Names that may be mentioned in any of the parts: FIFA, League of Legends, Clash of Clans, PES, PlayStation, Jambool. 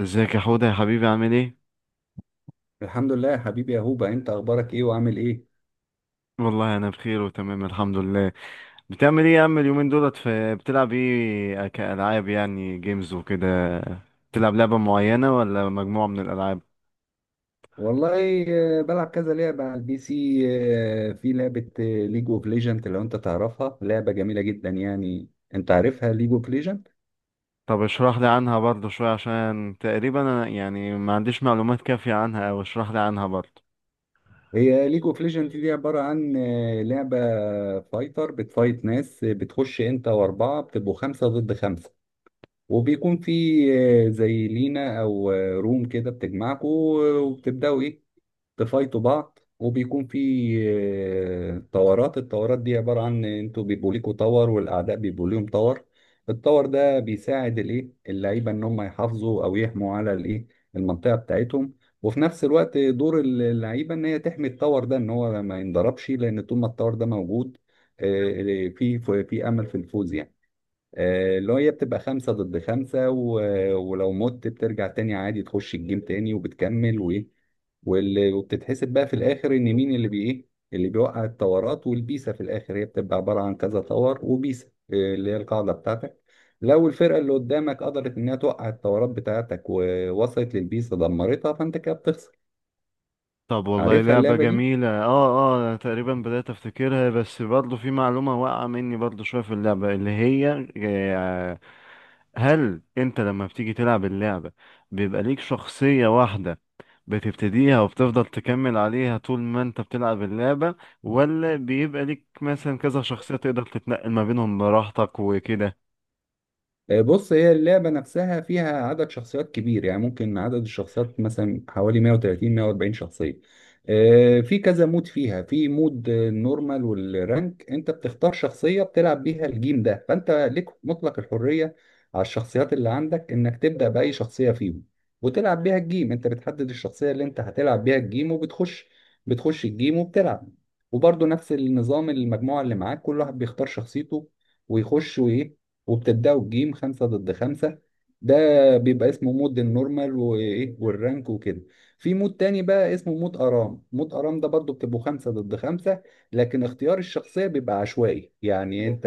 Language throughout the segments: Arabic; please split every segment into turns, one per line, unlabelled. ازيك يا حوده يا حبيبي، عامل ايه؟
الحمد لله يا حبيبي يا هوبا، انت اخبارك ايه وعامل ايه؟
والله انا بخير وتمام، الحمد لله. بتعمل ايه يا عم؟ اليومين دولت في بتلعب ايه كالعاب، يعني جيمز وكده؟ بتلعب لعبه معينه ولا مجموعه من الالعاب؟
والله، بلعب كذا لعبة على البي سي. في لعبة ليج اوف ليجند، لو انت تعرفها لعبة جميلة جدا يعني. انت عارفها ليج اوف ليجند؟
طب اشرح لي عنها برضه شويه، عشان تقريبا انا يعني ما عنديش معلومات كافيه عنها، او اشرح لي عنها برضه.
هي ليج اوف ليجند دي عبارة عن لعبة فايتر بتفايت ناس، بتخش انت واربعة بتبقوا خمسة ضد خمسة. وبيكون في زي لينا او روم كده بتجمعكوا، وبتبدأوا ايه، بفايتوا بعض. وبيكون في طورات. الطورات دي عبارة عن انتوا بيبقوا ليكوا طور والأعداء بيبقوا ليهم طور. الطور ده بيساعد الايه اللعيبة ان هم يحافظوا او يحموا على الايه المنطقة بتاعتهم. وفي نفس الوقت دور اللعيبة ان هي تحمي الطور ده ان هو ما ينضربش، لان طول ما الطور ده موجود آه، في في امل في الفوز يعني. اللي هي بتبقى خمسة ضد خمسة، ولو مت بترجع تاني عادي، تخش الجيم تاني وبتكمل وإيه، وبتتحسب بقى في الآخر إن مين اللي بي إيه اللي بيوقع التورات والبيسة. في الآخر هي بتبقى عبارة عن كذا تور وبيسة، اللي هي القاعدة بتاعتك. لو الفرقة اللي قدامك قدرت إنها توقع التورات بتاعتك ووصلت للبيسة دمرتها، فأنت كده بتخسر.
طب والله
عارفها
لعبه
اللعبة دي؟
جميله. اه، اه أنا تقريبا بدات افتكرها، بس برضه في معلومه واقعه مني برضه شويه في اللعبه اللي هي، هل انت لما بتيجي تلعب اللعبة بيبقى ليك شخصية واحدة بتبتديها وبتفضل تكمل عليها طول ما انت بتلعب اللعبة، ولا بيبقى ليك مثلا كذا شخصية تقدر تتنقل ما بينهم براحتك وكده؟
بص، هي اللعبة نفسها فيها عدد شخصيات كبير، يعني ممكن عدد الشخصيات مثلا حوالي 130 140 شخصية. في كذا مود فيها، في مود النورمال والرانك. انت بتختار شخصية بتلعب بيها الجيم ده، فانت ليك مطلق الحرية على الشخصيات اللي عندك انك تبدأ بأي شخصية فيهم وتلعب بيها الجيم. انت بتحدد الشخصية اللي انت هتلعب بيها الجيم وبتخش. بتخش الجيم وبتلعب. وبرضه نفس النظام، المجموعة اللي معاك كل واحد بيختار شخصيته ويخش وايه، وبتبداوا بجيم خمسة ضد خمسة. ده بيبقى اسمه مود النورمال وايه والرانك وكده. في مود تاني بقى اسمه مود ارام. مود ارام ده برضو بتبقوا خمسة ضد خمسة، لكن اختيار الشخصية بيبقى عشوائي، يعني انت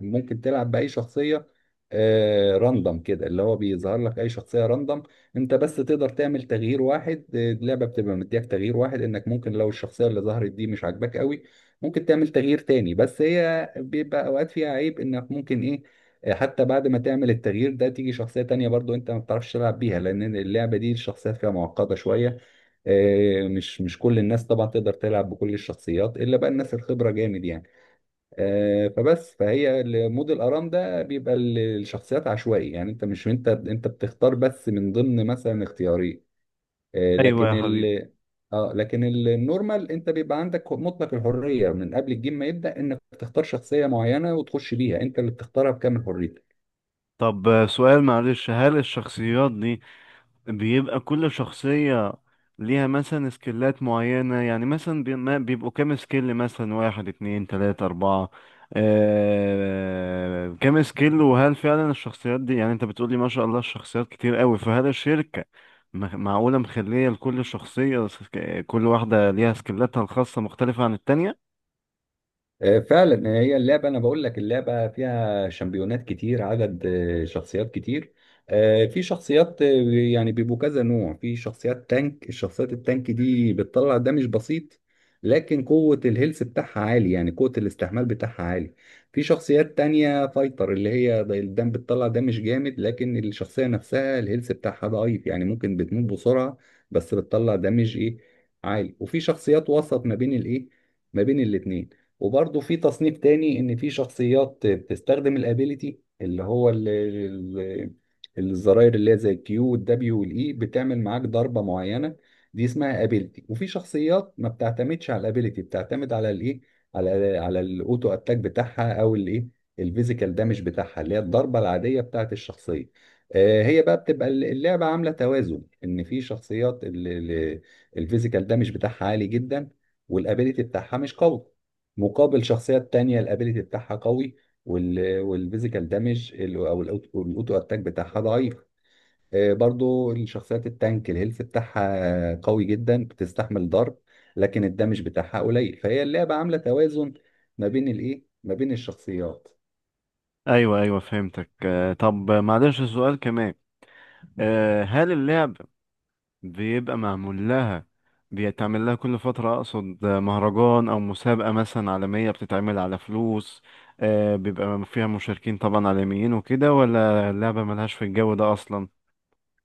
ممكن تلعب بأي شخصية. آه، راندم كده، اللي هو بيظهر لك اي شخصية راندم. انت بس تقدر تعمل تغيير واحد، اللعبة بتبقى مديك تغيير واحد، انك ممكن لو الشخصية اللي ظهرت دي مش عاجباك قوي ممكن تعمل تغيير تاني. بس هي بيبقى اوقات فيها عيب، انك ممكن ايه، حتى بعد ما تعمل التغيير ده تيجي شخصية تانية برضو انت ما بتعرفش تلعب بيها، لان اللعبة دي الشخصيات فيها معقدة شوية. مش كل الناس طبعا تقدر تلعب بكل الشخصيات، الا بقى الناس الخبرة جامد يعني. آه، فبس فهي مود الارام ده بيبقى الشخصيات عشوائي، يعني انت مش انت انت بتختار بس من ضمن مثلا اختيارين. آه،
ايوه
لكن
يا حبيبي.
ال اه لكن ال- النورمال انت بيبقى عندك مطلق الحريه من قبل الجيم ما يبدا، انك تختار شخصيه معينه وتخش بيها، انت اللي بتختارها بكامل حريتك.
طب سؤال معلش، هل الشخصيات دي بيبقى كل شخصية ليها مثلا سكيلات معينة؟ يعني مثلا بيبقوا كام سكيل، مثلا واحد اتنين تلاتة أربعة، كام سكيل؟ وهل فعلا الشخصيات دي، يعني انت بتقولي ما شاء الله الشخصيات كتير قوي، فهل الشركة معقولة مخلية لكل شخصية، كل واحدة ليها سكيلاتها الخاصة مختلفة عن التانية؟
فعلا هي اللعبة، أنا بقول لك اللعبة فيها شامبيونات كتير، عدد شخصيات كتير. آه، في شخصيات آه، يعني بيبقوا كذا نوع. في شخصيات تانك، الشخصيات التانك دي بتطلع دمج بسيط لكن قوة الهيلث بتاعها عالي، يعني قوة الاستحمال بتاعها عالي. في شخصيات تانية فايتر، اللي هي الدم بتطلع دمج جامد، لكن الشخصية نفسها الهيلث بتاعها ضعيف، يعني ممكن بتموت بسرعة. بس بتطلع دمج ايه عالي. وفي شخصيات وسط ما بين الايه، ما بين الاتنين. وبرضه في تصنيف تاني، ان في شخصيات بتستخدم الابيليتي، اللي هو الزراير، اللي هي زي الكيو والدبليو والاي بتعمل معاك ضربه معينه، دي اسمها ابيليتي. وفي شخصيات ما بتعتمدش على الابيليتي، بتعتمد على الايه، على الاوتو اتاك بتاعها او الايه الفيزيكال دامج بتاعها، اللي هي الضربه العاديه بتاعت الشخصيه. هي بقى بتبقى اللعبه عامله توازن، ان في شخصيات الفيزيكال دامج بتاعها عالي جدا والابيليتي بتاعها مش قوي، مقابل شخصيات تانية الابيليتي بتاعها قوي والفيزيكال دامج او الاوتو اتاك بتاعها ضعيف. برضو الشخصيات التانك الهيلث بتاعها قوي جدا، بتستحمل ضرب لكن الدامج بتاعها قليل، فهي اللعبة عاملة توازن ما بين الايه ما بين الشخصيات.
أيوه أيوه فهمتك. طب معلش سؤال كمان، هل اللعب بيبقى معمول لها، بيتعمل لها كل فترة، أقصد مهرجان أو مسابقة مثلا عالمية، بتتعمل على فلوس، بيبقى فيها مشاركين طبعا عالميين وكده، ولا اللعبة ملهاش في الجو ده أصلا؟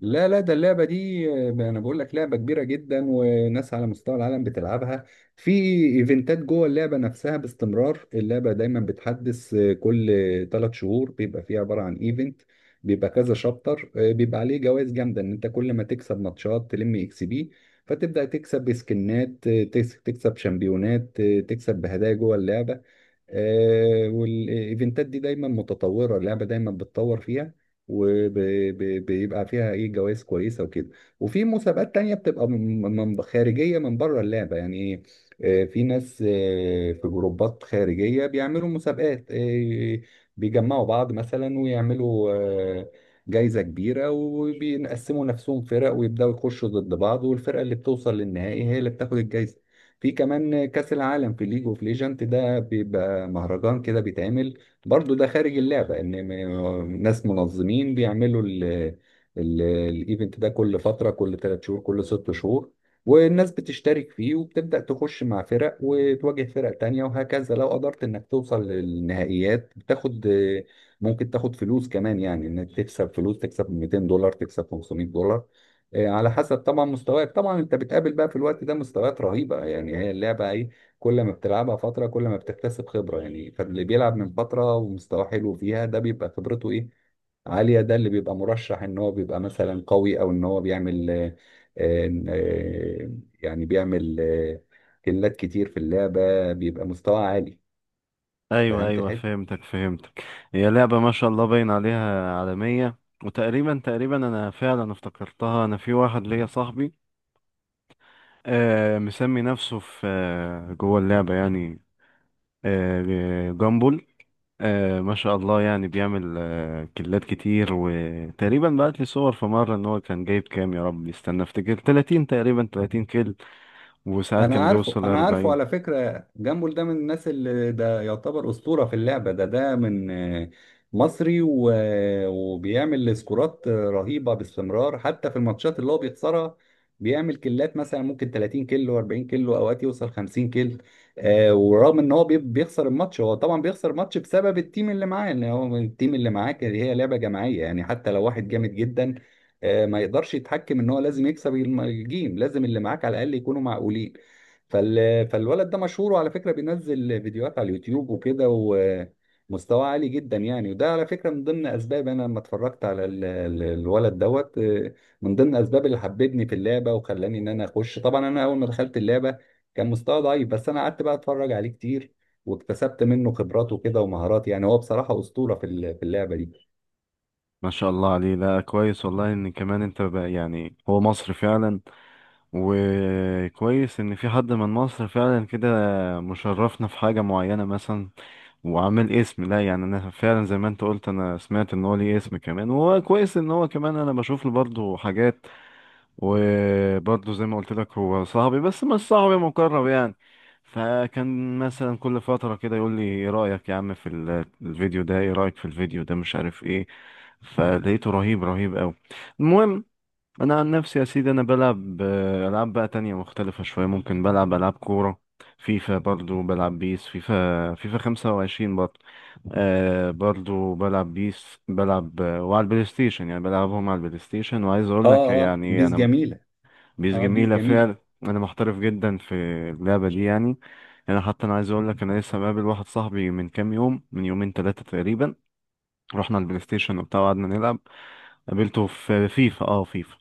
لا لا، ده اللعبة دي أنا بقول لك لعبة كبيرة جدا، وناس على مستوى العالم بتلعبها. في إيفنتات جوه اللعبة نفسها باستمرار، اللعبة دايما بتحدث. كل ثلاث شهور بيبقى فيه عبارة عن إيفنت، بيبقى كذا شابتر، بيبقى عليه جوائز جامدة، إن أنت كل ما تكسب ماتشات تلم إكس بي، فتبدأ تكسب بسكنات، تكسب شامبيونات، تكسب بهدايا جوه اللعبة. والايفنتات دي دايما متطوره، اللعبه دايما بتطور فيها، وبيبقى فيها ايه جوائز كويسه وكده. وفي مسابقات تانية بتبقى خارجيه، من بره اللعبه، يعني ايه، في ناس، في جروبات خارجيه بيعملوا مسابقات، بيجمعوا بعض مثلا ويعملوا جايزه كبيره، وبينقسموا نفسهم فرق ويبداوا يخشوا ضد بعض، والفرقه اللي بتوصل للنهائي هي اللي بتاخد الجايزه. في كمان كأس العالم في ليج اوف ليجنت، ده بيبقى مهرجان كده بيتعمل برضو، ده خارج اللعبة، ان ناس منظمين بيعملوا الايفنت ده كل فترة، كل ثلاث شهور، كل ست شهور. والناس بتشترك فيه، وبتبدأ تخش مع فرق وتواجه فرق تانية وهكذا. لو قدرت انك توصل للنهائيات بتاخد، ممكن تاخد فلوس كمان، يعني انك تكسب فلوس، تكسب $200، تكسب $500، إيه، على حسب طبعا مستواك. طبعا انت بتقابل بقى في الوقت ده مستويات رهيبة، يعني هي اللعبة ايه، كل ما بتلعبها فترة كل ما بتكتسب خبرة. يعني فاللي بيلعب من فترة ومستواه حلو فيها ده بيبقى خبرته ايه عالية، ده اللي بيبقى مرشح ان هو بيبقى مثلا قوي، او ان هو بيعمل آه، آه، يعني بيعمل كيلات كتير في اللعبة، بيبقى مستوى عالي.
أيوة
فهمت.
أيوة فهمتك فهمتك. هي لعبة ما شاء الله باين عليها عالمية، وتقريبا تقريبا أنا فعلا افتكرتها. أنا في واحد ليا صاحبي مسمي نفسه في جوه اللعبة يعني، جامبل. ما شاء الله، يعني بيعمل كيلات كتير، وتقريبا بعت لي صور في مرة ان هو كان جايب كام، يا رب استنى افتكر، 30 تقريبا، 30 كيل، وساعات
انا
كان
عارفه،
بيوصل
انا عارفه،
40.
على فكره جامبول ده من الناس اللي ده يعتبر اسطوره في اللعبه. ده من مصري و... وبيعمل سكورات رهيبه باستمرار حتى في الماتشات اللي هو بيخسرها. بيعمل كيلات، مثلا ممكن 30 كيلو 40 كيلو، اوقات يوصل 50 كيلو. آه، ورغم ان هو بيخسر الماتش، هو طبعا بيخسر الماتش بسبب التيم اللي معاه، ان هو التيم اللي معاه هي لعبه جماعيه يعني، حتى لو واحد جامد جدا ما يقدرش يتحكم ان هو لازم يكسب الجيم، لازم اللي معاك على الاقل يكونوا معقولين. فال... فالولد ده مشهور، وعلى فكرة بينزل فيديوهات على اليوتيوب وكده، ومستواه عالي جدا يعني. وده على فكرة من ضمن أسباب، أنا لما اتفرجت على الولد دوت، من ضمن أسباب اللي حببني في اللعبة وخلاني إن أنا أخش. طبعا أنا أول ما دخلت اللعبة كان مستوى ضعيف، بس أنا قعدت بقى أتفرج عليه كتير، واكتسبت منه خبرات وكده ومهارات. يعني هو بصراحة أسطورة في في اللعبة دي.
ما شاء الله عليه، لا كويس والله، ان كمان انت بقى، يعني هو مصري فعلا، وكويس ان في حد من مصر فعلا كده مشرفنا في حاجة معينة مثلا. وعامل اسم، لا يعني انا فعلا زي ما انت قلت، انا سمعت ان هو ليه اسم كمان، وهو كويس ان هو كمان، انا بشوف له برضه حاجات. وبرضه زي ما قلت لك، هو صاحبي بس مش صاحبي مقرب يعني، فكان مثلا كل فترة كده يقول لي ايه رأيك يا عم في الفيديو ده، ايه رأيك في الفيديو ده، مش عارف ايه، فلقيته رهيب رهيب قوي. المهم، انا عن نفسي يا سيدي انا بلعب العاب بقى تانية مختلفة شوية، ممكن بلعب العاب كورة، فيفا برضو، بلعب بيس، فيفا 25 برضو. آه برضو بلعب بيس، بلعب وعلى البلاي ستيشن يعني، بلعبهم على البلاي ستيشن. وعايز اقول لك
اه اه،
يعني
بيس
انا،
جميلة.
بيس
اه بيس
جميلة
جميلة.
فعلا. أنا محترف جدا في اللعبة دي يعني. أنا حتى أنا عايز أقول لك، أنا لسه مقابل واحد صاحبي من كام يوم، من يومين تلاتة تقريبا، رحنا البلاي ستيشن وبتاع وقعدنا نلعب. قابلته في فيفا، فيفا،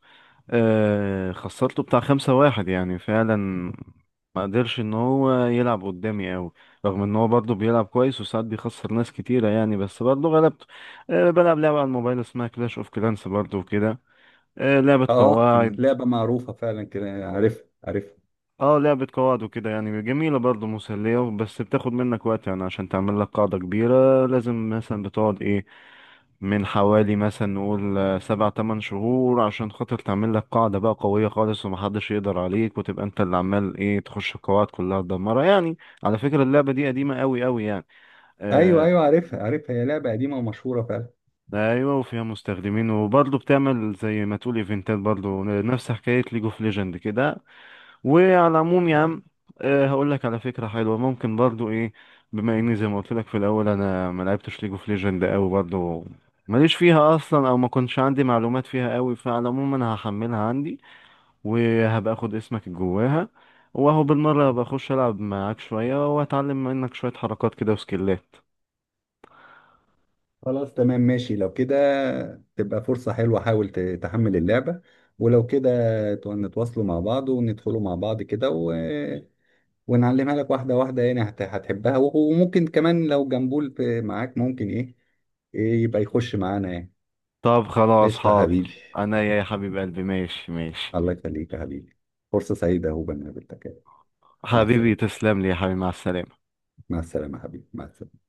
خسرته بتاع 5-1 يعني، فعلا ما قدرش إن هو يلعب قدامي أوي، رغم إن هو برضه بيلعب كويس وساعات بيخسر ناس كتيرة يعني، بس برضه غلبته. آه بلعب لعبة على الموبايل اسمها كلاش أوف كلانس برضه وكده، لعبة
اه،
قواعد.
لعبة معروفة فعلا كده، عارف عارف.
اه لعبة قواعد وكده، يعني جميلة برضه مسلية، بس بتاخد منك وقت يعني، عشان تعمل لك قاعدة كبيرة لازم مثلا بتقعد ايه، من حوالي مثلا نقول 7 8 شهور عشان خاطر تعمل لك قاعدة بقى قوية خالص ومحدش يقدر عليك، وتبقى انت اللي عمال ايه تخش القواعد كلها تدمرها يعني. على فكرة اللعبة دي قديمة قوي قوي يعني.
ايوه
آه،
ايوه، عارفها عارفها، هي لعبه قديمه ومشهوره فعلا.
ايوه، وفيها مستخدمين، وبرضه بتعمل زي ما تقول ايفنتات برضه، نفس حكاية ليج اوف ليجند كده. وعلى العموم يا عم، أه هقول لك على فكرة، حلوة، ممكن برضو ايه، بما اني زي ما قلت لك في الاول، انا ما لعبتش ليج اوف ليجند قوي برضو، ماليش فيها اصلا، او ما كنتش عندي معلومات فيها قوي، فعلى العموم انا هحملها عندي، وهبقى اخد اسمك جواها، واهو بالمرة هبقى اخش العب معاك شوية، واتعلم منك شوية حركات كده وسكيلات.
خلاص تمام، ماشي لو كده تبقى فرصه حلوه. حاول تحمل اللعبه، ولو كده نتواصلوا مع بعض وندخلوا مع بعض كده، ونعلمها لك واحده واحده، يعني هتحبها، وممكن كمان لو جنبول معاك، ممكن ايه إيه، يبقى يخش معانا يعني.
طب خلاص
قشطه حبيبي.
حاضر. انا يا حبيب قلبي، ماشي ماشي.
الله يخليك يا حبيبي، فرصه سعيده هو بنقابلك. مع
حبيبي
السلامه.
تسلم لي يا حبيبي، مع السلامة.
مع السلامه يا حبيبي، مع السلامه.